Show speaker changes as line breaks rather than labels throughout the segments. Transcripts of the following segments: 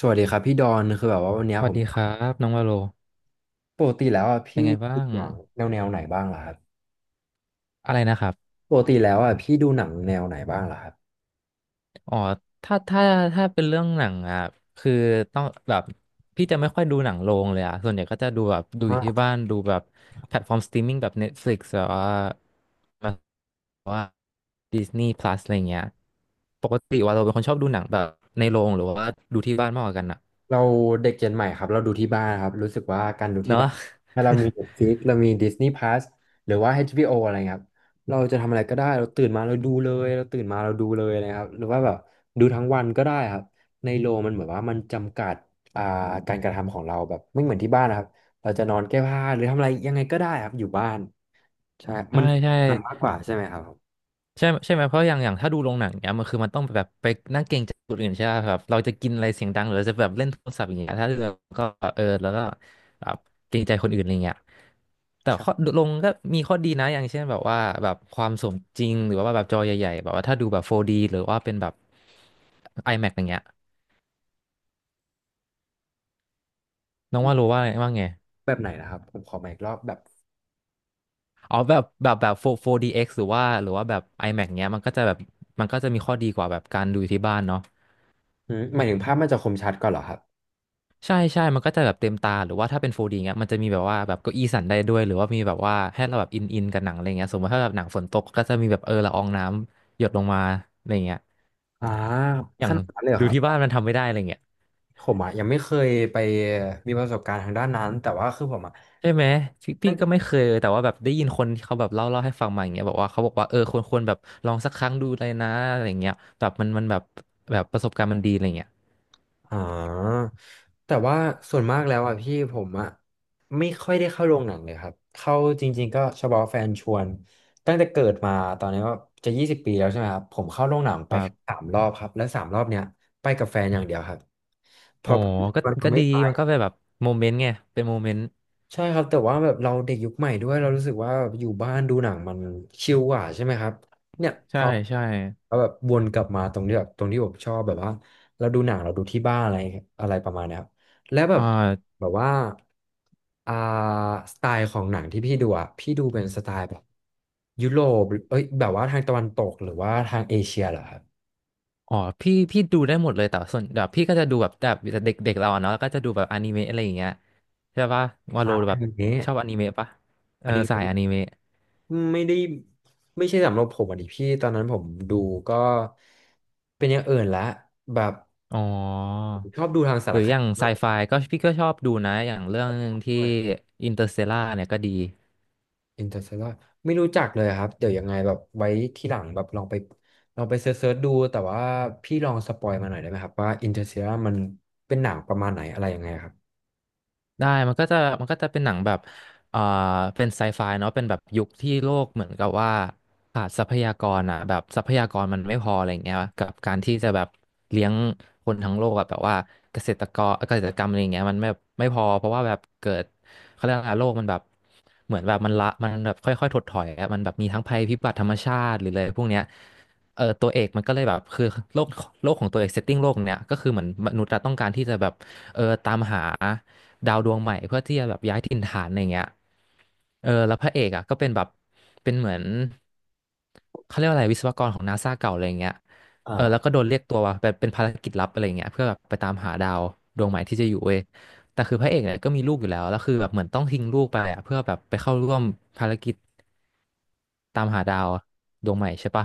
สวัสดีครับพี่ดอนคือแบบว่าวันเนี้
ส
ยผ
วัส
ม
ดีครับน้องวาโล
ปกติแล้วอ่ะ
เป็
พี่
นไงบ้า
ดู
ง
หนังแนวไหนบ้างล่ะครับ
อะไรนะครับ
ปกติแล้วอ่ะพี่ดูหนังแนวไหนบ้างล่ะครับ
อ๋อถ้าถ้าถ้าเป็นเรื่องหนังอ่ะคือต้องแบบพี่จะไม่ค่อยดูหนังโรงเลยอ่ะส่วนใหญ่ก็จะดูแบบดูอยู่ที่บ้านดูแบบแพลตฟอร์มสตรีมมิ่งแบบ Netflix แบบว่าแบบว่า Disney Plus อะไรเงี้ยปกติว่าเราเป็นคนชอบดูหนังแบบในโรงหรือว่าดูที่บ้านมากกว่ากันอ่ะ
เราเด็กเจนใหม่ครับเราดูที่บ้านครับรู้สึกว่าการดู
เน
ที่
อะ
บ้านถ้าเรามี Netflix เรามี Disney Plus หรือว่า HBO อชบีโออะไรเงี้ยครับเราจะทำอะไรก็ได้เราตื่นมาเราดูเลยเราตื่นมาเราดูเลยนะครับหรือว่าแบบดูทั้งวันก็ได้ครับในโรงมันเหมือนว่ามันจำกัดอ่าการกระทำของเราแบบไม่เหมือนที่บ้านนะครับเราจะนอนแก้ผ้าหรือทำอะไรยังไงก็ได้ครับอยู่บ้านใช่
ใช่
มัน
ใช่
ง่ายมากกว่าใช่ไหมครับ
ใช่ใช่ไหมเพราะอย่างถ้าดูโรงหนังเนี้ยมันต้องแบบไปนั่งเกรงใจคนอื่นใช่ไหมครับเราจะกินอะไรเสียงดังหรือจะแบบเล่นโทรศัพท์อย่างเงี้ยถ้าเราก็เออแล้วก็แบบเกรงใจคนอื่นอะไรเงี้ยแต่ข้อ
ใช่
ลงก็มีข้อดีนะอย่างเช่นแบบว่าแบบความสมจริงหรือว่าแบบจอใหญ่ๆแบบว่าถ้าดูแบบ 4D หรือว่าเป็นแบบ IMAX อย่างเงี้ยน้องว่ารู้ว่าว่าไง
แบบไหนนะครับผมขอมาอีกรอบแบบ
อ๋อแบบ 4- d x หรือว่าแบบ IMAX เงี้ยมันก็จะแบบมันก็จะมีข้อดีกว่าแบบการดูที่บ้านเนาะ
หืมหมายถึงภาพมันจะคมชัดกว่อนเหรอครับ
ใช่ใช่ มันก็จะแบบเต็มตา หรือว่าถ้าเป็น 4D เงี้ยมันจะมีแบบว่าแบบเก้าอี้สั่นได้ด้วย หรือว่ามีแบบว่าให้เราแบบอินกับหนังอะไรเงี้ยสมมติถ้าแบบหนังฝนตกก็จะมีแบบเออละอองน้ำหยดลงมาอะไรเงี้ย
อ่า
อ
ข
ย่าง
นาดนั้นเลยเหรอ
ดู
ครั
ที่บ้าน
บ
มันทำไม่ได้อะไรเงี้ย
ผมอ่ะยังไม่เคยไปมีประสบการณ์ทางด้านนั้นแต่ว่าคือผมอ่ะ
ใช่ไหมพี่ก็ไม่เคยแต่ว่าแบบได้ยินคนที่เขาแบบเล่าให้ฟังมาอย่างเงี้ยบอกว่าเขาบอกว่าเออควรแบบลองสักครั้งดูเลยนะอะไรเงี้ยแบบมันแบบแบบประสบการณ์มันดีอะไรเงี้ย
อ๋อแต่ว่าส่วนมากแล้วอ่ะพี่ผมอ่ะไม่ค่อยได้เข้าโรงหนังเลยครับเข้าจริงๆก็เฉพาะแฟนชวนตั้งแต่เกิดมาตอนนี้ก็จะ20 ปีแล้วใช่ไหมครับผมเข้าโรงหนัง
ค
ไป
รั
แค่
บ
สามรอบครับและสามรอบเนี้ยไปกับแฟนอย่างเดียวครับเพ
โอ้
อ
ก็
มัน
ก็
ไม่
ดี
ไป
มันก็เป็นแบบโมเมนต์ไงเป็นโมเมนต์
ใช่ครับแต่ว่าแบบเราเด็กยุคใหม่ด้วยเรารู้สึกว่าแบบอยู่บ้านดูหนังมันชิลกว่าใช่ไหมครับเนี่ยพ
ใช่
อ
ใช่
เราแบบวนกลับมาตรงที่แบบตรงที่ผมชอบแบบว่าเราดูหนังเราดูที่บ้านอะไรอะไรประมาณเนี้ยครับแล้วแบ
อ่
บ
า
แบบว่าอ่าสไตล์ของหนังที่พี่ดูอ่ะพี่ดูเป็นสไตล์แบบยุโรปเอ้ยแบบว่าทางตะวันตกหรือว่าทางเอเชียเหรอครับ
อ๋อพี่ดูได้หมดเลยแต่ว่าส่วนแบบพี่ก็จะดูแบบเด็กเด็กเราอะเนาะแล้วก็จะดูแบบอนิเมะอะไรอย่างเงี้ยใช่ปะวาโล
อ่าอั
แบ
น
บ
นี้
ชอบอนิเมะปะเอ
อั
อ
นนี้
สายอนิเมะ
ไม่ได้ไม่ใช่สำหรับผมอ่ะดิพี่ตอนนั้นผมดูก็เป็นอย่างอื่นละแบบ
อ๋อ
ผมชอบดูทางสา
ห
ร
รือ
ค
อ
ดี
ย่างไซ
มากก
ไฟ
ว่า
พี่ก็ชอบดูนะอย่างเรื่องหนึ่งที่
ด้วย
อินเตอร์สเตลาเนี่ยก็ดี
อินเตอร์เตลาไม่รู้จักเลยครับเดี๋ยวยังไงแบบไว้ทีหลังแบบลองไปเซิร์ชๆดูแต่ว่าพี่ลองสปอยมาหน่อยได้ไหมครับว่าอินเตอร์เตลามันเป็นหนังประมาณไหนอะไรยังไงครับ
ได้มันก็จะเป็นหนังแบบเอ่อเป็นไซไฟเนาะเป็นแบบยุคที่โลกเหมือนกับว่าขาดทรัพยากรอ่ะแบบทรัพยากรมันไม่พออะไรอย่างเงี้ยกับการที่จะแบบเลี้ยงคนทั้งโลกอะแบบว่าเกษตรกรรมอะไรอย่างเงี้ยมันไม่พอเพราะว่าแบบเกิดเขาเรียกอะไรโลกมันแบบเหมือนแบบมันละมันแบบค่อยๆถดถอยอะมันแบบมีทั้งภัยพิบัติธรรมชาติหรืออะไรพวกเนี้ยเออตัวเอกมันก็เลยแบบคือโลกโลกของตัวเอกเซตติ้งโลกเนี้ยก็คือเหมือนมนุษย์อะต้องการที่จะแบบเออตามหา ดาวดวงใหม่เพื่อที่จะแบบย้ายถิ่นฐานอะไรเงี้ยเออแล้วพระเอกอ่ะก็เป็นแบบเป็นเหมือนเขาเรียกว่าอะไรวิศวกรของนาซาเก่าอะไรเงี้ยเออแล้วก็โด
อ่า
นเรียกตัวแบบเป็นภารกิจลับอะไรเงี้ยเพื่อแบบไปตามหาดาวดวงใหม่ที่จะอยู่เว้ยแต่คือพระเอกเนี่ยก็มีลูกอยู่แล้วแล้วคือแบบเหมือนต้องทิ้งลูกไปอ่ะเพื่อแบบไปเข้าร่วมภารกิจ ตามหาดาวดวงใหม่ใช่ปะ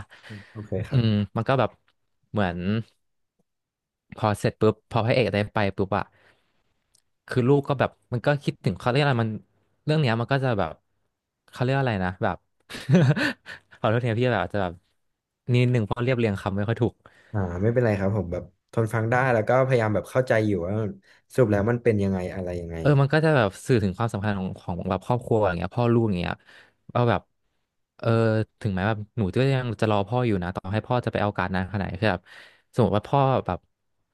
โอเคค
อื
รั
ม
บ
มันก็แบบเหมือนพอเสร็จปุ๊บพอพระเอกได้ไปปุ๊บอะคือลูกก็แบบมันก็คิดถึงเขาเรียกอะไรมันเรื่องเนี้ยมันก็จะแบบเขาเรียกอะไรนะแบบ ขอโทษทีนะพี่แบบอาจจะแบบนิดหนึ่งเพราะเรียบเรียงคำไม่ค่อยถูก
อ่าไม่เป็นไรครับผมแบบทนฟังได้แล้วก็พยายามแบบเข้าใจอยู่ว่าสรุปแล้วมันเป็นยังไงอะไรยังไง
เออมันก็จะแบบสื่อถึงความสำคัญของแบบครอบครัวอย่างเงี้ยพ่อลูกอย่างเงี้ยว่าแบบเออถึงแม้แบบหนูก็ยังจะรอพ่ออยู่นะต่อให้พ่อจะไปเอาการดนานขนาดไหนคือแบบสมมติว่าพ่อแบบ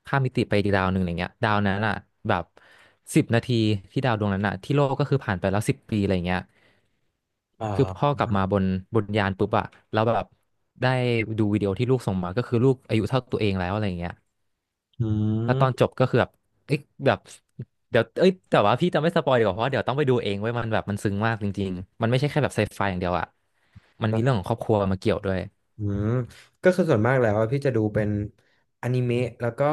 ข้ามมิติไปอีกดาวหนึ่งอะไรเงี้ยดาวนั้นอ่ะแบบ10 นาทีที่ดาวดวงนั้นอ่ะที่โลกก็คือผ่านไปแล้ว10 ปีอะไรเงี้ย
อ
คือพ่อ
่า
กลับมาบนยานปุ๊บอ่ะแล้วแบบได้ดูวิดีโอที่ลูกส่งมาก็คือลูกอายุเท่าตัวเองแล้วอะไรเงี้ย
อื
แล้วตอน
ม
จบก็คือแบบ เอ้ยแบบเดี๋ยวเอ้ยแต่ว่าพี่จะไม่สปอยดีกว่าเพราะว่าเดี๋ยวต้องไปดูเองไว้ยมันแบบมันซึ้งมากจริงๆมันไม่ใช่แค่แบบไซไฟอย่างเดียวอะมันมีเรื่องของครอบครัวมาเกี่ยวด้วย
อืมก็คือส่วนมากแล้วอะพี่จะดูเป็นอนิเมะแล้วก็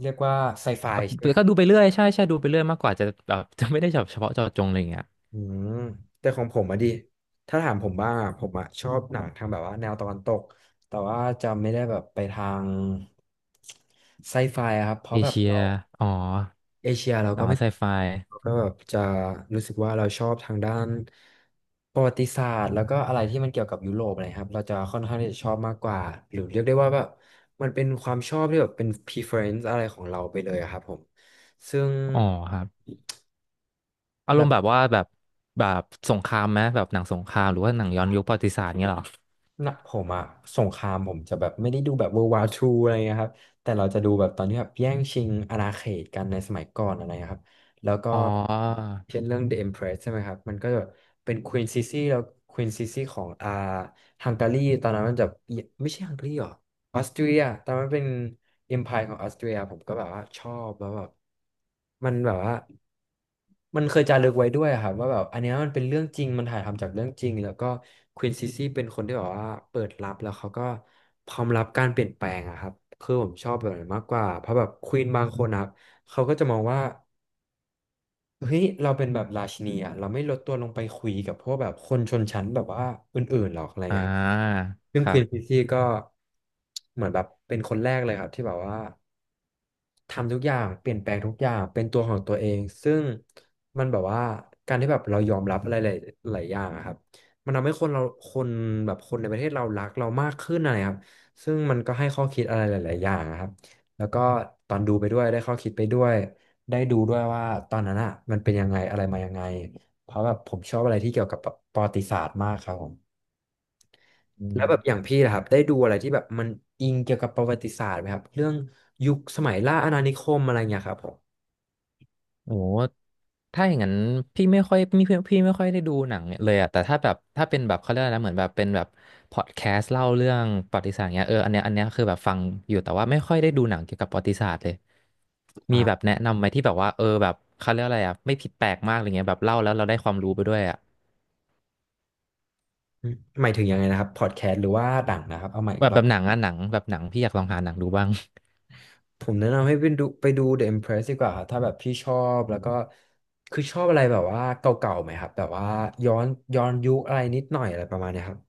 เรียกว่าไซไฟ
แบบ
ใช่ไหมครั
ก็
บ
ดูไปเรื่อยใช่ดูไปเรื่อยมากกว่าจะแบบ จะไม่ได้แบบเฉพาะเจาะจงอะไรอย่างเงี้ย
อืมแต่ของผมอะดิถ้าถามผมบ้างอะผมอะชอบหนังทางแบบว่าแนวตะวันตกแต่ว่าจะไม่ได้แบบไปทางไซไฟอะครับเพ
เอ
ราะแบบ
เชีย
เรา
อ๋อ
เอเชียเรา
หนั
ก็
ง
ไม่
ไซไฟ
เราก็แบบจะรู้สึกว่าเราชอบทางด้านประวัติศาสตร์แล้วก็อะไรที่มันเกี่ยวกับยุโรปอะไรครับเราจะค่อนข้างที่จะชอบมากกว่าหรือเรียกได้ว่าแบบมันเป็นความชอบที่แบบเป็น preference อะไรของเราไปเลยอะครับผมซึ่ง
อ๋อครับ อารมณ์แบบว่าแบบสงครามไหมแบบหนังสงครามหรือว่าหนังย้อนยุคประวัติศาสตร์เงี้ยเหรอ
นะผมอะสงครามผมจะแบบไม่ได้ดูแบบ World War II อะไรเงี้ยครับแต่เราจะดูแบบตอนที่แบบแย่งชิงอาณาเขตกันในสมัยก่อนอะไรเงี้ยครับแล้วก็
อ๋อ
เช่นเรื่อง The Empress ใช่ไหมครับมันก็จะเป็น Queen Sisi แล้ว Queen Sisi ของอ่าฮังการีตอนนั้นมันจะไม่ใช่ฮังการีหรอออสเตรียตอนนั้นเป็น Empire ของออสเตรียผมก็แบบว่าชอบแล้วแบบ มันแบบว่ามันเคยจารึกไว้ด้วยอะครับว่าแบบอันเนี้ยมันเป็นเรื่องจริงมันถ่ายทำจากเรื่องจริงแล้วก็ควีนซิซี่เป็นคนที่แบบว่าเปิดรับแล้วเขาก็พร้อมรับการเปลี่ยนแปลงอะครับคือผมชอบแบบนั้นมากกว่าเพราะแบบควีนบางคนนะครับเขาก็จะมองว่าเฮ้ยเราเป็นแบบราชินีอะเราไม่ลดตัวลงไปคุยกับพวกแบบคนชนชั้นแบบว่าอื่นๆหรอกอะไร
อ่
เงี้ยครับ
า
ซึ่
ค
งค
รั
วีนซิ
บ
ซี่ก็เหมือนแบบเป็นคนแรกเลยครับที่แบบว่า ทำทุกอย่างเปลี่ยนแปลงทุกอย่างเป็นตัวของตัวเองซึ่งมันแบบว่าการที่แบบเรายอมรับอะไรหลายอย่างอะครับมันทำให้คนเราคนแบบคนในประเทศเรารักเรามากขึ้นอะไรครับซึ่งมันก็ให้ข้อคิดอะไรหลายๆอย่างอะครับแล้วก็ตอนดูไปด้วยได้ข้อคิดไปด้วยได้ดูด้วยว่าตอนนั้นอ่ะมันเป็นยังไงอะไรมายังไงเพราะแบบผมชอบอะไรที่เกี่ยวกับประวัติศาสตร์มากครับผมแล้วแบบอย่างพี่นะครับได้ดูอะไรที่แบบมันอิงเกี่ยวกับประวัติศาสตร์ไหมครับเรื่องยุคสมัยล่าอาณานิคมอะไรเงี้ยครับผม
โอ้โห ถ้าอย่างนั้นพี่ไม่ค่อยพี่พี่ไม่ค่อยได้ดูหนังเลยอะแต่ถ้าแบบถ้าเป็นแบบเขาเรียกอะไรนะเหมือนแบบเป็นแบบพอดแคสต์เล่าเรื่องประวัติศาสตร์เงี้ยเอออันเนี้ยคือแบบฟังอยู่แต่ว่าไม่ค่อยได้ดูหนังเกี่ยวกับประวัติศาสตร์เลย มีแบบ
อ่า
แนะนำไหมที่แบบว่าเออแบบเขาเรียกอะไรอะไม่ผิดแปลกมากอะไรเงี้ยแบบเล่าแล้วเราได้ความรู้ไปด้วยอะ
หมายถึงยังไงนะครับพอดแคสต์หรือว่าหนังนะครับเอาใหม่อี
แบ
ก
บ
รอ
แบ
บ
บหนังอะหนังแบบหนังพี่อยากลองหาหนังดูบ้าง
ผมแนะนำให้ไปดู The Empress ดีกว่าครับถ้าแบบพี่ชอบแล้วก็คือชอบอะไรแบบว่าเก่าๆไหมครับแบบว่าย้อนย้อนยุคอะไรนิดหน่อยอะไรประมาณเนี้ยครับ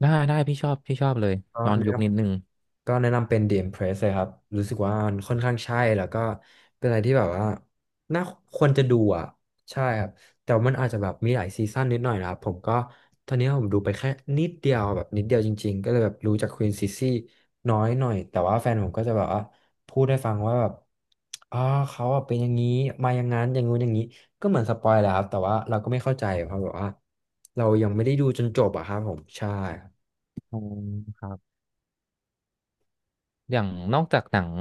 ได้พี่ชอบเลย
ก็
ย้อน
แนะ
ยุ
น
คนิดนึง
ำ ก็แนะนำเป็น DM Press เลยครับรู้สึกว่ามันค่อนข้างใช่แล้วก็เป็นอะไรที่แบบว่าน่าควรจะดูอ่ะใช่ครับแต่ว่ามันอาจจะแบบมีหลายซีซั่นนิดหน่อยนะครับผมก็ตอนนี้ผมดูไปแค่นิดเดียวแบบนิดเดียวจริงๆก็เลยแบบรู้จากควีนซิซี่น้อยหน่อยแต่ว่าแฟนผมก็จะแบบว่าพูดให้ฟังว่าแบบอ่าเขาอะเป็นอย่างนี้มาอย่างนั้นอย่างงู้นอย่างนี้ก็เหมือนสปอยแหล้วครับแต่ว่าเราก็ไม่เข้าใจเพราะแบบว่าเรายังไม่ได้ดูจนจบอะครับผมใช่คร
อ๋อครับ อย่างนอกจากหนัง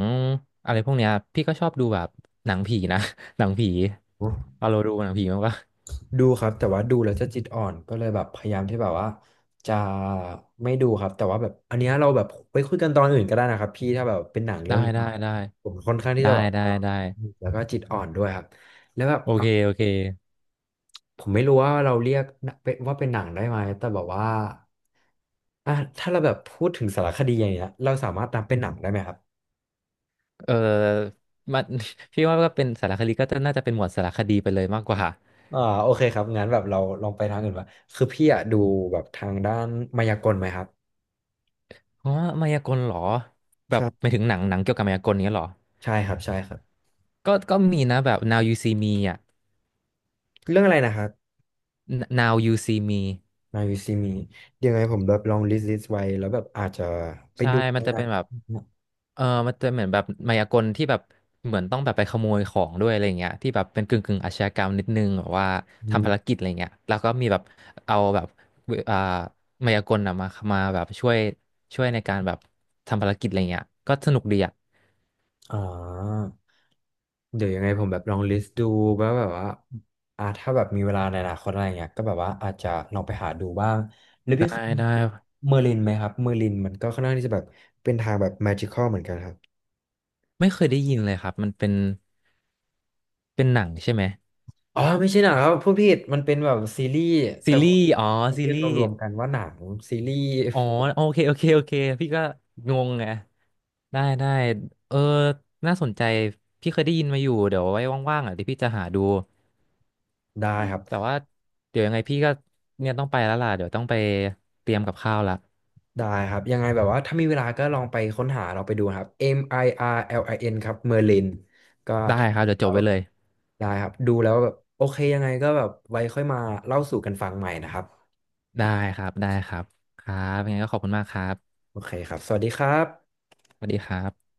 อะไรพวกเนี้ยพี่ก็ชอบดูแบบหนังผีนะ หนังผี
ับ
เอาเราดูหนังผีมั้างปะ
ดูครับแต่ว่าดูแล้วจะจิตอ่อนก็เลยแบบพยายามที่แบบว่าจะไม่ดูครับแต่ว่าแบบอันเนี้ยเราแบบไปคุยกันตอนอื่นก็ได้นะครับพี่ถ้าแบบเป็นหนังเรื่
ได้
องนี้
ได้ได้
ผมค่อนข้างที่
ได้
จะแบบ
ได้
ว่า
ได้
แล้วก็จิตอ่อนด้วยครับแล้วแบบ
โอ
อ่ะ
เคโอเค
ผมไม่รู้ว่าเราเรียกว่าเป็นหนังได้ไหมแต่แบบว่าอ่ะถ้าเราแบบพูดถึงสารคดีอย่างเงี้ยเราสามารถนับเป็นหนังได้ไหมครับ
เออมัน พี่ว่าก็เป็นสารคดีก็น่าจะเป็นหมวดสารคดีไปเลยมากกว่า
โอเคครับงั้นแบบเราลองไปทางอื่นว่าคือพี่อะดูแบบทางด้านมายากลไหมครับ
เพราะว่ามายากลเหรอแบบไม่
ใช่
ถึงหนังเกี่ยวกับมายากลเนี้ยเหรอ
ใช่ครับใช่ครับ
ก็มีนะแบบ Now You See Me อ่ะ
เรื่องอะไรนะครับ
Now You See Me
มาวิซีมีเดี๋ยวไงผมแบบลองลิสต์ไว้แล้วแบบอาจจะไป
ใช่
ดู
มันจะ
นะ
เป็นแบบ เออมันจะเหมือนแบบมายากลที่แบบเหมือนต้องแบบไปขโมยของด้วยอะไรเงี้ยที่แบบเป็นกึ่งอาชญากรรมนิดนึงแบบว่า
อื
ทำภา
ม
รกิจอะไรเงี้ยแล้วก็มีแบบเอาแบบอ่ามายากลอะมาแบบช่วยช่วยในการแบบทำภารกิจอะไรเงี้ยก็สนุกดีอ่ะ
อ๋อเดี๋ยวยังไงผมแบบลองลิสต์ดูว่าแบบว่าถ้าแบบมีเวลาในอนาคตอะไรเงี้ยก็แบบว่าอาจจะลองไปหาดูบ้างหรือ
ได้
พี่เคย
ได้
เมอร์ลินไหมครับเมอร์ลินมันก็ค่อนข้างที่จะแบบเป็นทางแบบแมจิคอลเหมือนกันครับ
ไม่เคยได้ยินเลยครับมันเป็นหนังใช่ไหม
อ๋อไม่ใช่หนังครับพูดผิดมันเป็นแบบซีรีส์
ซี
แต่ผ
รีส์อ๋อ
ม
ซี
เรียก
รี
ร
ส์
วมๆกันว่าหนังซีรีส์
อ๋อโอเคพี่ก็งงไง ได้เออน่าสนใจพี่เคยได้ยินมาอยู่เดี๋ยวไว้ว่างๆอ่ะเดี๋ยวพี่จะหาดู
ได้ครับ
แต่ว่าเดี๋ยวยังไงพี่ก็เนี่ยต้องไปแล้วล่ะเดี๋ยวต้องไปเตรียมกับข้าวละ
ได้ครับยังไงแบบว่าถ้ามีเวลาก็ลองไปค้นหาเราไปดูนะครับ MIRLIN ครับเอ็มไออาร์แอลินครับ Merlin ก็
ได้
ถ้า
ครับเดี๋ยวจ
แล้
บ
ว
ไว้เลย
ได้ครับดูแล้วแบบโอเคยังไงก็แบบไว้ค่อยมาเล่าสู่กันฟังใหม่นะครับ
ได้ได้ครับครับยังไงก็ขอบคุณมากครับ
โอเคครับสวัสดีครับ
สวัสดีครับ